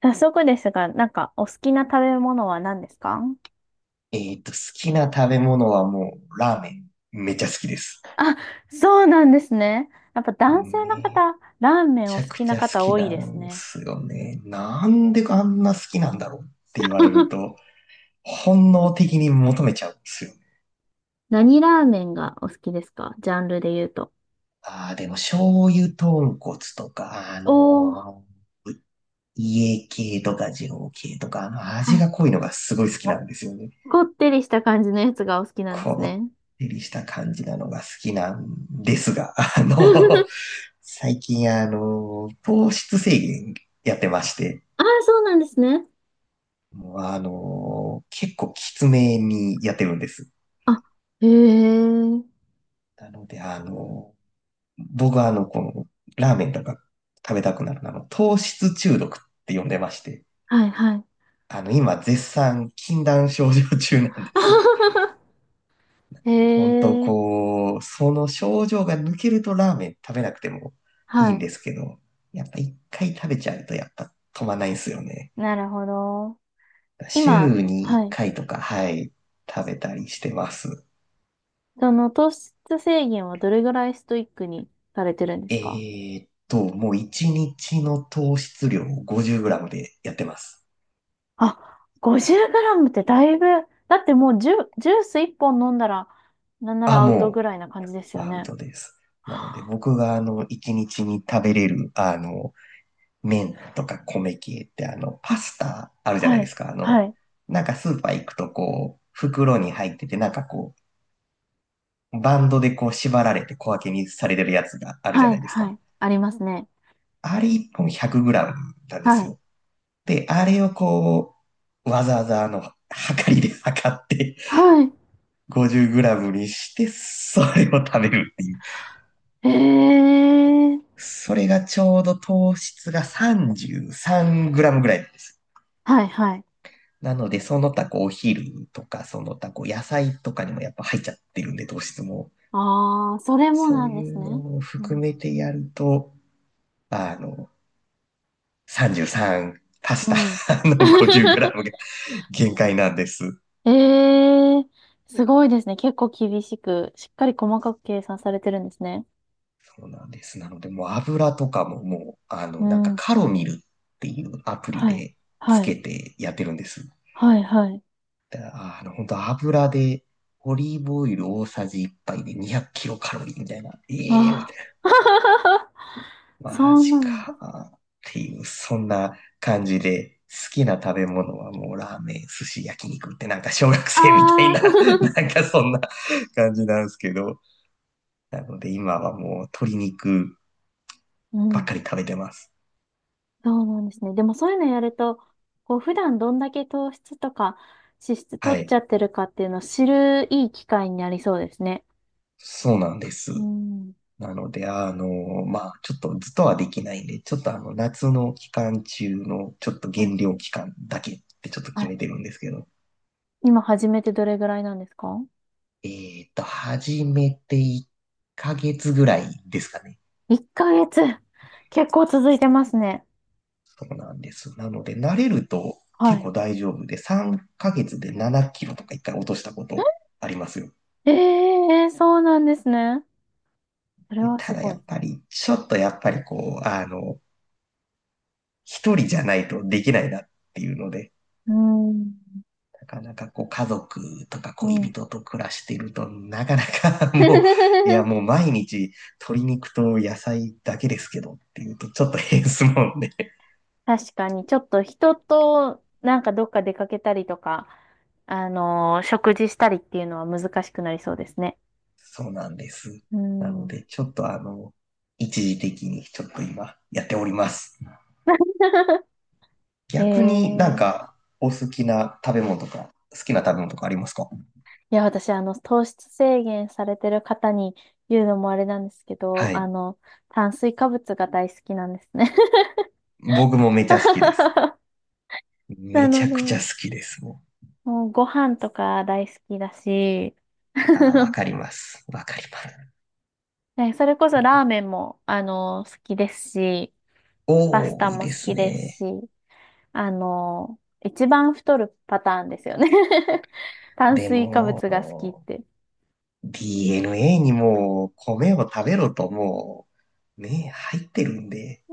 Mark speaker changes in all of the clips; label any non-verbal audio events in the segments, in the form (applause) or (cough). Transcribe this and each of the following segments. Speaker 1: 早速ですが、なんかお好きな食べ物は何ですか？
Speaker 2: 好きな食べ物はもう、ラーメン。めっちゃ好きです。
Speaker 1: あ、そうなんですね。やっぱ男性の
Speaker 2: め
Speaker 1: 方、ラーメンお
Speaker 2: ちゃ
Speaker 1: 好
Speaker 2: く
Speaker 1: き
Speaker 2: ち
Speaker 1: な
Speaker 2: ゃ好
Speaker 1: 方
Speaker 2: き
Speaker 1: 多い
Speaker 2: な
Speaker 1: です
Speaker 2: ん
Speaker 1: ね。
Speaker 2: すよね。なんであんな好きなんだろうって言われる
Speaker 1: (laughs)
Speaker 2: と、本能的に求めちゃうんですよね。
Speaker 1: 何ラーメンがお好きですか、ジャンルで言うと？
Speaker 2: ああ、でも醤油豚骨とか、
Speaker 1: おー、
Speaker 2: 家系とか二郎系とか、
Speaker 1: は
Speaker 2: 味
Speaker 1: い。
Speaker 2: が濃いのがすごい好きなんですよね。
Speaker 1: こってりした感じのやつがお好きなんです
Speaker 2: こ
Speaker 1: ね。
Speaker 2: ってりした感じなのが好きなんですが、
Speaker 1: (laughs)
Speaker 2: 最近、糖質制限やってまして、
Speaker 1: ああ、そうなんですね。
Speaker 2: もう結構きつめにやってるんです。
Speaker 1: あ、へえ。
Speaker 2: なので、僕はラーメンとか食べたくなるのは、糖質中毒って呼んでまして、
Speaker 1: はいはい。
Speaker 2: 今、絶賛禁断症状中なんです。
Speaker 1: (laughs) へ
Speaker 2: 本当
Speaker 1: え、
Speaker 2: その症状が抜けるとラーメン食べなくてもいい
Speaker 1: は
Speaker 2: ん
Speaker 1: い。
Speaker 2: ですけど、やっぱ一回食べちゃうと、やっぱ止まんないんですよね。
Speaker 1: なるほど。今、
Speaker 2: 週に
Speaker 1: は
Speaker 2: 1
Speaker 1: い。
Speaker 2: 回とか、はい、食べたりしてます。
Speaker 1: その糖質制限はどれぐらいストイックにされてるんですか？
Speaker 2: もう1日の糖質量を 50g でやってます。
Speaker 1: あ、50グラムってだいぶ、だってもうジュース1本飲んだら、なんなら
Speaker 2: あ、
Speaker 1: アウトぐ
Speaker 2: も
Speaker 1: らいな感じです
Speaker 2: う、
Speaker 1: よ
Speaker 2: アウ
Speaker 1: ね。
Speaker 2: トです。なので、僕が1日にちに食べれる、麺とか米系って、パスタあるじゃない
Speaker 1: は
Speaker 2: で
Speaker 1: い、
Speaker 2: すか。
Speaker 1: はい、
Speaker 2: なんかスーパー行くと袋に入ってて、なんかバンドで縛られて小分けにされてるやつがあるじゃ
Speaker 1: は
Speaker 2: な
Speaker 1: い、
Speaker 2: いです
Speaker 1: は
Speaker 2: か。
Speaker 1: い。ありますね。
Speaker 2: あれ1本 100g なんで
Speaker 1: は
Speaker 2: す
Speaker 1: い。
Speaker 2: よ。で、あれをわざわざ測りで測って
Speaker 1: はい。
Speaker 2: 50g にして、それを食べるっていう。
Speaker 1: ええー、
Speaker 2: それがちょうど糖質が 33g ぐらいです。
Speaker 1: はい、はい。
Speaker 2: なので、その他お昼とか、その他野菜とかにもやっぱ入っちゃってるんで、糖質も。
Speaker 1: ああ、それも
Speaker 2: そ
Speaker 1: な
Speaker 2: う
Speaker 1: んで
Speaker 2: い
Speaker 1: す
Speaker 2: う
Speaker 1: ね。
Speaker 2: のを
Speaker 1: う
Speaker 2: 含
Speaker 1: ん。
Speaker 2: めてやると、あの、33パス
Speaker 1: うん
Speaker 2: タの
Speaker 1: (laughs)
Speaker 2: 50g が限界なんです。
Speaker 1: ええー、すごいですね。結構厳しく、しっかり細かく計算されてるんですね。
Speaker 2: そうなんです。なので、もう油とかももう、
Speaker 1: う
Speaker 2: なんか
Speaker 1: ん
Speaker 2: カロミルっていうアプリ
Speaker 1: はい。
Speaker 2: でつ
Speaker 1: は
Speaker 2: け
Speaker 1: い。
Speaker 2: てやってるんです。
Speaker 1: はい。はい。
Speaker 2: だから本当油で、オリーブオイル大さじ1杯で200キロカロリーみたいな。ええみた
Speaker 1: あ
Speaker 2: い
Speaker 1: あ。(laughs)
Speaker 2: な。マ
Speaker 1: そう
Speaker 2: ジ
Speaker 1: なのです。
Speaker 2: か。っていう、そんな感じで、好きな食べ物はもうラーメン、寿司、焼肉ってなんか小学生みたい
Speaker 1: ああ。
Speaker 2: な、(laughs) なん
Speaker 1: (laughs)
Speaker 2: かそんな感じなんですけど。なので今はもう鶏肉
Speaker 1: う
Speaker 2: ばっ
Speaker 1: ん。
Speaker 2: かり食べてます。
Speaker 1: そうなんですね。でもそういうのやると、こう、普段どんだけ糖質とか脂質取
Speaker 2: は
Speaker 1: っち
Speaker 2: い。
Speaker 1: ゃってるかっていうのを知るいい機会になりそうですね。
Speaker 2: そうなんです。
Speaker 1: うん。
Speaker 2: なので、ちょっとずっとはできないんで、ちょっと夏の期間中の、ちょっと
Speaker 1: はい。
Speaker 2: 減量期間だけってちょっと
Speaker 1: は
Speaker 2: 決
Speaker 1: い。
Speaker 2: めてるんですけど、
Speaker 1: 今始めてどれぐらいなんですか
Speaker 2: 始めて1ヶ月ぐらいですかね。
Speaker 1: ?1 ヶ月。結構続いてますね。
Speaker 2: そうなんです。なので、慣れると
Speaker 1: は
Speaker 2: 結構
Speaker 1: い。
Speaker 2: 大丈夫で、3ヶ月で7キロとか1回落としたことありますよ。
Speaker 1: ええそうなんですね。それ
Speaker 2: で
Speaker 1: はす
Speaker 2: ただや
Speaker 1: ごい。
Speaker 2: っ
Speaker 1: う
Speaker 2: ぱり、ちょっとやっぱり一人じゃないとできないなっていうので、
Speaker 1: ーん。
Speaker 2: なかなか家族とか
Speaker 1: う
Speaker 2: 恋
Speaker 1: ん。
Speaker 2: 人と暮らしてると、なかなか (laughs) もう、いや
Speaker 1: (laughs)
Speaker 2: もう毎日鶏肉と野菜だけですけどっていうとちょっと変ですもんね。(laughs)
Speaker 1: 確かに、ちょっと人となんかどっか出かけたりとか、食事したりっていうのは難しくなりそうですね。
Speaker 2: そうなんです。
Speaker 1: う
Speaker 2: なの
Speaker 1: ん。
Speaker 2: で、ちょっと一時的にちょっと今やっております。逆になん
Speaker 1: (laughs) ええ
Speaker 2: かお好きな食べ物とか、好きな食べ物とかありますか？
Speaker 1: いや、私、糖質制限されてる方に言うのもあれなんですけど、
Speaker 2: はい。
Speaker 1: 炭水化物が大好きなんですね。
Speaker 2: 僕もめちゃ好きです。
Speaker 1: (laughs) な
Speaker 2: めち
Speaker 1: の
Speaker 2: ゃくちゃ
Speaker 1: で、
Speaker 2: 好きです。も
Speaker 1: もうご飯とか大好きだし、
Speaker 2: う。あー、わ
Speaker 1: (laughs)
Speaker 2: かります。わかります。
Speaker 1: ねそれこそラーメンも、好きですし、パス
Speaker 2: 多
Speaker 1: タ
Speaker 2: い
Speaker 1: も
Speaker 2: で
Speaker 1: 好
Speaker 2: す
Speaker 1: きですし、
Speaker 2: ね。
Speaker 1: 一番太るパターンですよね (laughs) 炭
Speaker 2: で
Speaker 1: 水化
Speaker 2: も、
Speaker 1: 物が好きって。
Speaker 2: DNA にもう米を食べろともう、ね、入ってるんで、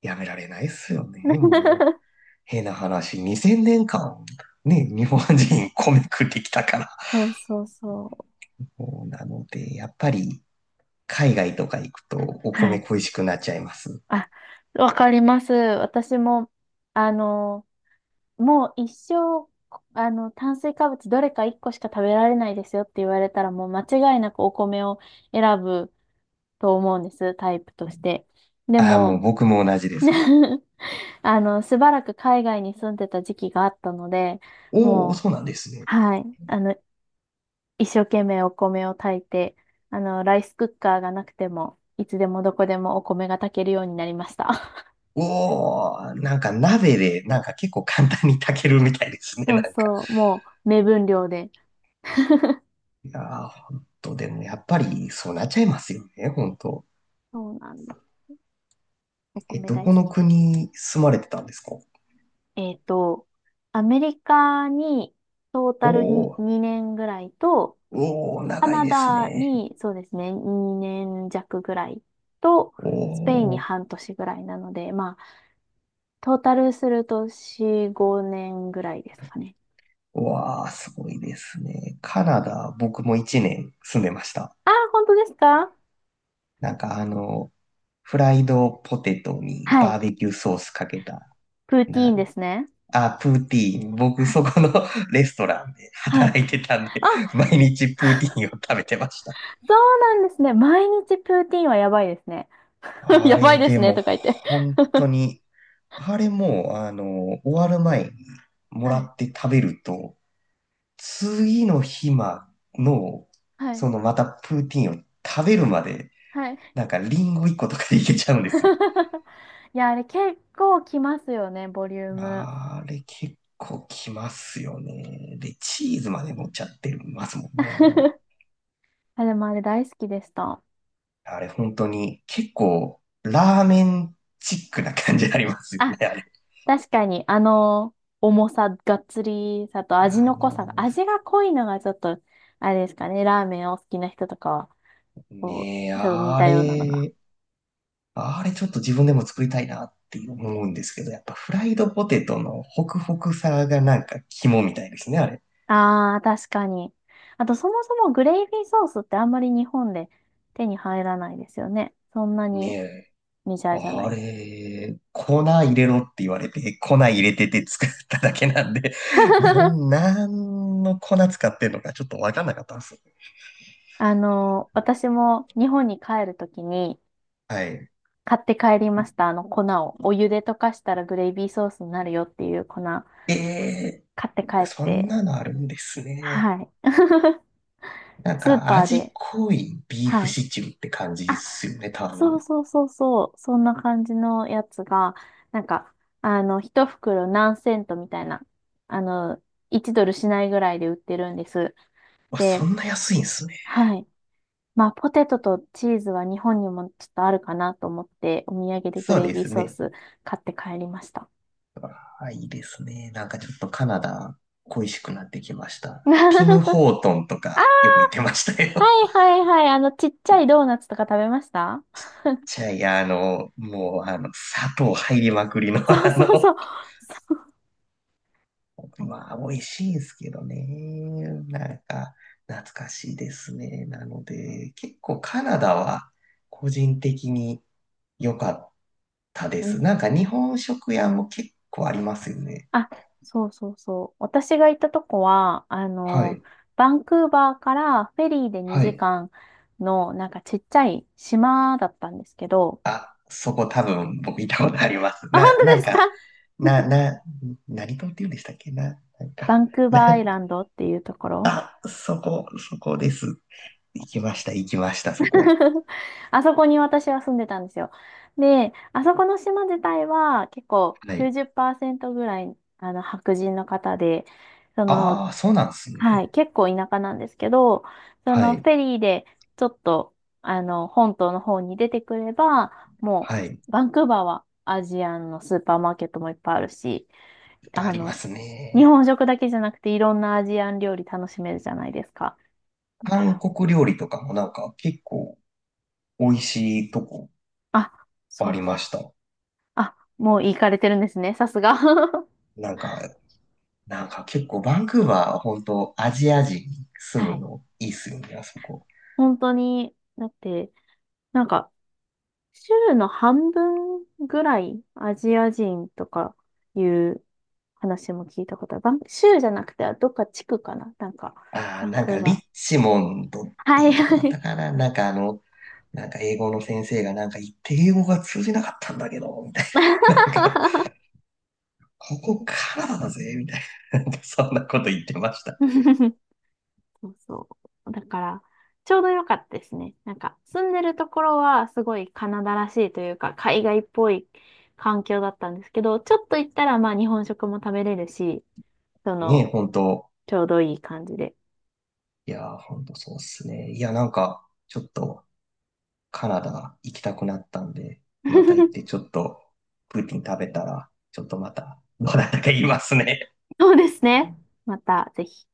Speaker 2: やめられないっすよね、もう。
Speaker 1: (laughs)
Speaker 2: 変な話、2000年間、ね、日本人米食ってきたから。
Speaker 1: そうそうそう。
Speaker 2: もうなので、やっぱり、海外とか行くとお
Speaker 1: は
Speaker 2: 米
Speaker 1: い。
Speaker 2: 恋しくなっちゃいます。
Speaker 1: あ、わかります。私も、あの、もう一生、炭水化物どれか一個しか食べられないですよって言われたら、もう間違いなくお米を選ぶと思うんです、タイプとして。で
Speaker 2: ああ、もう
Speaker 1: も、
Speaker 2: 僕も同じです。
Speaker 1: (laughs) しばらく海外に住んでた時期があったので、
Speaker 2: おお、
Speaker 1: もう、
Speaker 2: そうなんですね。
Speaker 1: はい。一生懸命お米を炊いて、ライスクッカーがなくても、いつでもどこでもお米が炊けるようになりました。
Speaker 2: おお、なんか鍋で、なんか結構簡単に炊けるみたいです
Speaker 1: (laughs)
Speaker 2: ね、
Speaker 1: そ
Speaker 2: な
Speaker 1: う
Speaker 2: んか。
Speaker 1: そう、もう目分量で。(laughs)
Speaker 2: いやー、本当でもやっぱりそうなっちゃいますよね、本当。
Speaker 1: そうなんです。お
Speaker 2: え、
Speaker 1: 米
Speaker 2: ど
Speaker 1: 大好
Speaker 2: この
Speaker 1: きで。
Speaker 2: 国住まれてたんですか？
Speaker 1: えっと、アメリカにトータ
Speaker 2: お
Speaker 1: ルに
Speaker 2: ー、
Speaker 1: 2年ぐらいと、
Speaker 2: おー、
Speaker 1: カ
Speaker 2: 長い
Speaker 1: ナ
Speaker 2: です
Speaker 1: ダ
Speaker 2: ね。
Speaker 1: にそうですね、2年弱ぐらいと、スペインに
Speaker 2: おー、
Speaker 1: 半年ぐらいなので、まあ、トータルすると4、5年ぐらいですかね。
Speaker 2: わー、すごいですね。カナダ、僕も1年住んでました。
Speaker 1: あ、本当ですか？
Speaker 2: なんかフライドポテトに
Speaker 1: は
Speaker 2: バ
Speaker 1: い。
Speaker 2: ーベキューソースかけた、
Speaker 1: プーティー
Speaker 2: な、
Speaker 1: ンですね。
Speaker 2: プーティーン。僕
Speaker 1: はい
Speaker 2: そこの (laughs) レストランで
Speaker 1: はい。
Speaker 2: 働いてたんで、
Speaker 1: あ、
Speaker 2: 毎日プーティーンを食べてました。
Speaker 1: そうなんですね。毎日プーティーンはやばいですね。(laughs)
Speaker 2: あ
Speaker 1: やばい
Speaker 2: れ、
Speaker 1: です
Speaker 2: で
Speaker 1: ね、
Speaker 2: も、
Speaker 1: とか言って。
Speaker 2: 本当にあれも、終わる前にも
Speaker 1: は
Speaker 2: ら
Speaker 1: い。
Speaker 2: って食べると、次の日まの、
Speaker 1: はい。
Speaker 2: そのまたプーティンを食べるまで、
Speaker 1: はい。
Speaker 2: なんかリンゴ1個とかでいけちゃうんですよ。
Speaker 1: (laughs) いや、あれ結構きますよね、ボリューム。
Speaker 2: あれ結構きますよね。で、チーズまで乗っちゃってますもんね。
Speaker 1: (laughs) あ、でもあれ大好きでした。
Speaker 2: あれ本当に結構ラーメンチックな感じになりますよ
Speaker 1: あ、
Speaker 2: ね、あれ。
Speaker 1: 確かに、重さ、がっつりさと味
Speaker 2: あ
Speaker 1: の濃さが、
Speaker 2: の、
Speaker 1: 味が濃いのがちょっと、あれですかね、ラーメンを好きな人とかは、こ
Speaker 2: ねえ、
Speaker 1: ちょっと似
Speaker 2: あ
Speaker 1: たようなのが
Speaker 2: れ、あれちょっと自分でも作りたいなって思うんですけど、やっぱフライドポテトのホクホクさがなんか肝みたいですね、あれ。
Speaker 1: ああ、確かに。あと、そもそもグレイビーソースってあんまり日本で手に入らないですよね。そんな
Speaker 2: ね
Speaker 1: に
Speaker 2: え。
Speaker 1: メジャーじゃな
Speaker 2: あ
Speaker 1: い。
Speaker 2: れ、粉入れろって言われて、粉入れてて作っただけなんで、(laughs) なん、
Speaker 1: (laughs)
Speaker 2: なんの粉使ってんのかちょっとわかんなかったんです。
Speaker 1: 私も日本に帰るときに
Speaker 2: はい。
Speaker 1: 買って帰りました。あの粉を。お湯で溶かしたらグレイビーソースになるよっていう粉買
Speaker 2: え
Speaker 1: って帰っ
Speaker 2: そん
Speaker 1: て。
Speaker 2: なのあるんですね。
Speaker 1: はい。(laughs)
Speaker 2: なん
Speaker 1: スー
Speaker 2: か
Speaker 1: パー
Speaker 2: 味
Speaker 1: で。
Speaker 2: 濃いビーフ
Speaker 1: はい。
Speaker 2: シチューって感じで
Speaker 1: あ
Speaker 2: すよね、多
Speaker 1: そう
Speaker 2: 分。
Speaker 1: そうそうそう、そんな感じのやつが、なんか、一袋何セントみたいな、あの、1ドルしないぐらいで売ってるんです。
Speaker 2: あ、そ
Speaker 1: で、
Speaker 2: んな安いんですね。
Speaker 1: はい。まあ、ポテトとチーズは日本にもちょっとあるかなと思って、お土産でグ
Speaker 2: そう
Speaker 1: レイ
Speaker 2: で
Speaker 1: ビー
Speaker 2: す
Speaker 1: ソー
Speaker 2: ね。
Speaker 1: ス買って帰りました。
Speaker 2: あ、いいですね。なんかちょっとカナダ恋しくなってきました。
Speaker 1: (laughs)
Speaker 2: ティム・
Speaker 1: あ、
Speaker 2: ホートンとかよく言ってました
Speaker 1: は
Speaker 2: よ。
Speaker 1: いはいはい。ちっちゃいドーナツとか食べました？
Speaker 2: (laughs) じゃあ、いや、もう、砂糖入りまくりの、
Speaker 1: (laughs)
Speaker 2: (laughs)
Speaker 1: そうそうそう。(laughs) そう。
Speaker 2: まあ、美味しいんですけどね。なんか、懐かしいですね。なので、結構カナダは個人的に良かったで
Speaker 1: う
Speaker 2: す。
Speaker 1: ん
Speaker 2: なんか日本食屋も結構ありますよね。
Speaker 1: あ、そうそうそう。私が行ったとこは、
Speaker 2: はい。
Speaker 1: バンクーバーからフェリーで
Speaker 2: は
Speaker 1: 2
Speaker 2: い。
Speaker 1: 時間の、なんかちっちゃい島だったんですけど、
Speaker 2: あ、そこ多分僕行ったことあります。
Speaker 1: あ、本
Speaker 2: な、
Speaker 1: 当
Speaker 2: な
Speaker 1: で
Speaker 2: ん
Speaker 1: すか？
Speaker 2: か、
Speaker 1: (laughs)
Speaker 2: な、な、何島って言うんでしたっけな、なん
Speaker 1: バ
Speaker 2: か、
Speaker 1: ンクーバー
Speaker 2: な、
Speaker 1: アイランドっていうところ。
Speaker 2: あ、そこ、そこです。行きました、行きました、そこ。
Speaker 1: (laughs) あそこに私は住んでたんですよ。で、あそこの島自体は結構
Speaker 2: はい。
Speaker 1: 90%ぐらいあの白人の方で、その、
Speaker 2: ああ、そうなんです
Speaker 1: はい、
Speaker 2: ね。
Speaker 1: 結構田舎なんですけど、そ
Speaker 2: は
Speaker 1: のフ
Speaker 2: い、
Speaker 1: ェリーでちょっとあの本島の方に出てくれば、も
Speaker 2: はい。い
Speaker 1: うバンクーバーはアジアンのスーパーマーケットもいっぱいあるし、
Speaker 2: っぱいあ
Speaker 1: あ
Speaker 2: りま
Speaker 1: の、
Speaker 2: す
Speaker 1: 日
Speaker 2: ね。
Speaker 1: 本食だけじゃなくていろんなアジアン料理楽しめるじゃないですか。だか
Speaker 2: 韓
Speaker 1: ら、
Speaker 2: 国料理とかもなんか結構美味しいとこ
Speaker 1: あ、そ
Speaker 2: あ
Speaker 1: う
Speaker 2: り
Speaker 1: そう。
Speaker 2: ました。
Speaker 1: あ、もう行かれてるんですね、さすが。(laughs)
Speaker 2: なんか、なんか結構バンクーバーは本当アジア人住
Speaker 1: は
Speaker 2: む
Speaker 1: い。
Speaker 2: のいいっすよね、あそこ。
Speaker 1: 本当に、だって、なんか、州の半分ぐらいアジア人とかいう話も聞いたことある。州じゃなくて、どっか地区かななんか、
Speaker 2: ああ、
Speaker 1: バン
Speaker 2: なん
Speaker 1: ク
Speaker 2: か
Speaker 1: ー
Speaker 2: リッ
Speaker 1: バ
Speaker 2: チモンドっ
Speaker 1: ー。
Speaker 2: て
Speaker 1: は
Speaker 2: い
Speaker 1: い、
Speaker 2: うとこだ
Speaker 1: は
Speaker 2: っ
Speaker 1: い。
Speaker 2: たかな。なんかなんか英語の先生がなんか言って英語が通じなかったんだけど、みたいな。なんか、
Speaker 1: (laughs)
Speaker 2: ここカナダだぜ、みたいな。なんかそんなこと言ってました。
Speaker 1: そうそう。だから、ちょうど良かったですね。なんか、住んでるところはすごいカナダらしいというか、海外っぽい環境だったんですけど、ちょっと行ったらまあ日本食も食べれるし、そ
Speaker 2: ねえ、
Speaker 1: の、
Speaker 2: 本当。
Speaker 1: ちょうどいい感じで。
Speaker 2: いやー、本当そうっすね。いや、なんか、ちょっとカナダ行きたくなったんで、また行って
Speaker 1: (laughs)
Speaker 2: ちょっとプーティン食べたら、ちょっとまた、どうだったか言いますね。
Speaker 1: そうですね。また、ぜひ。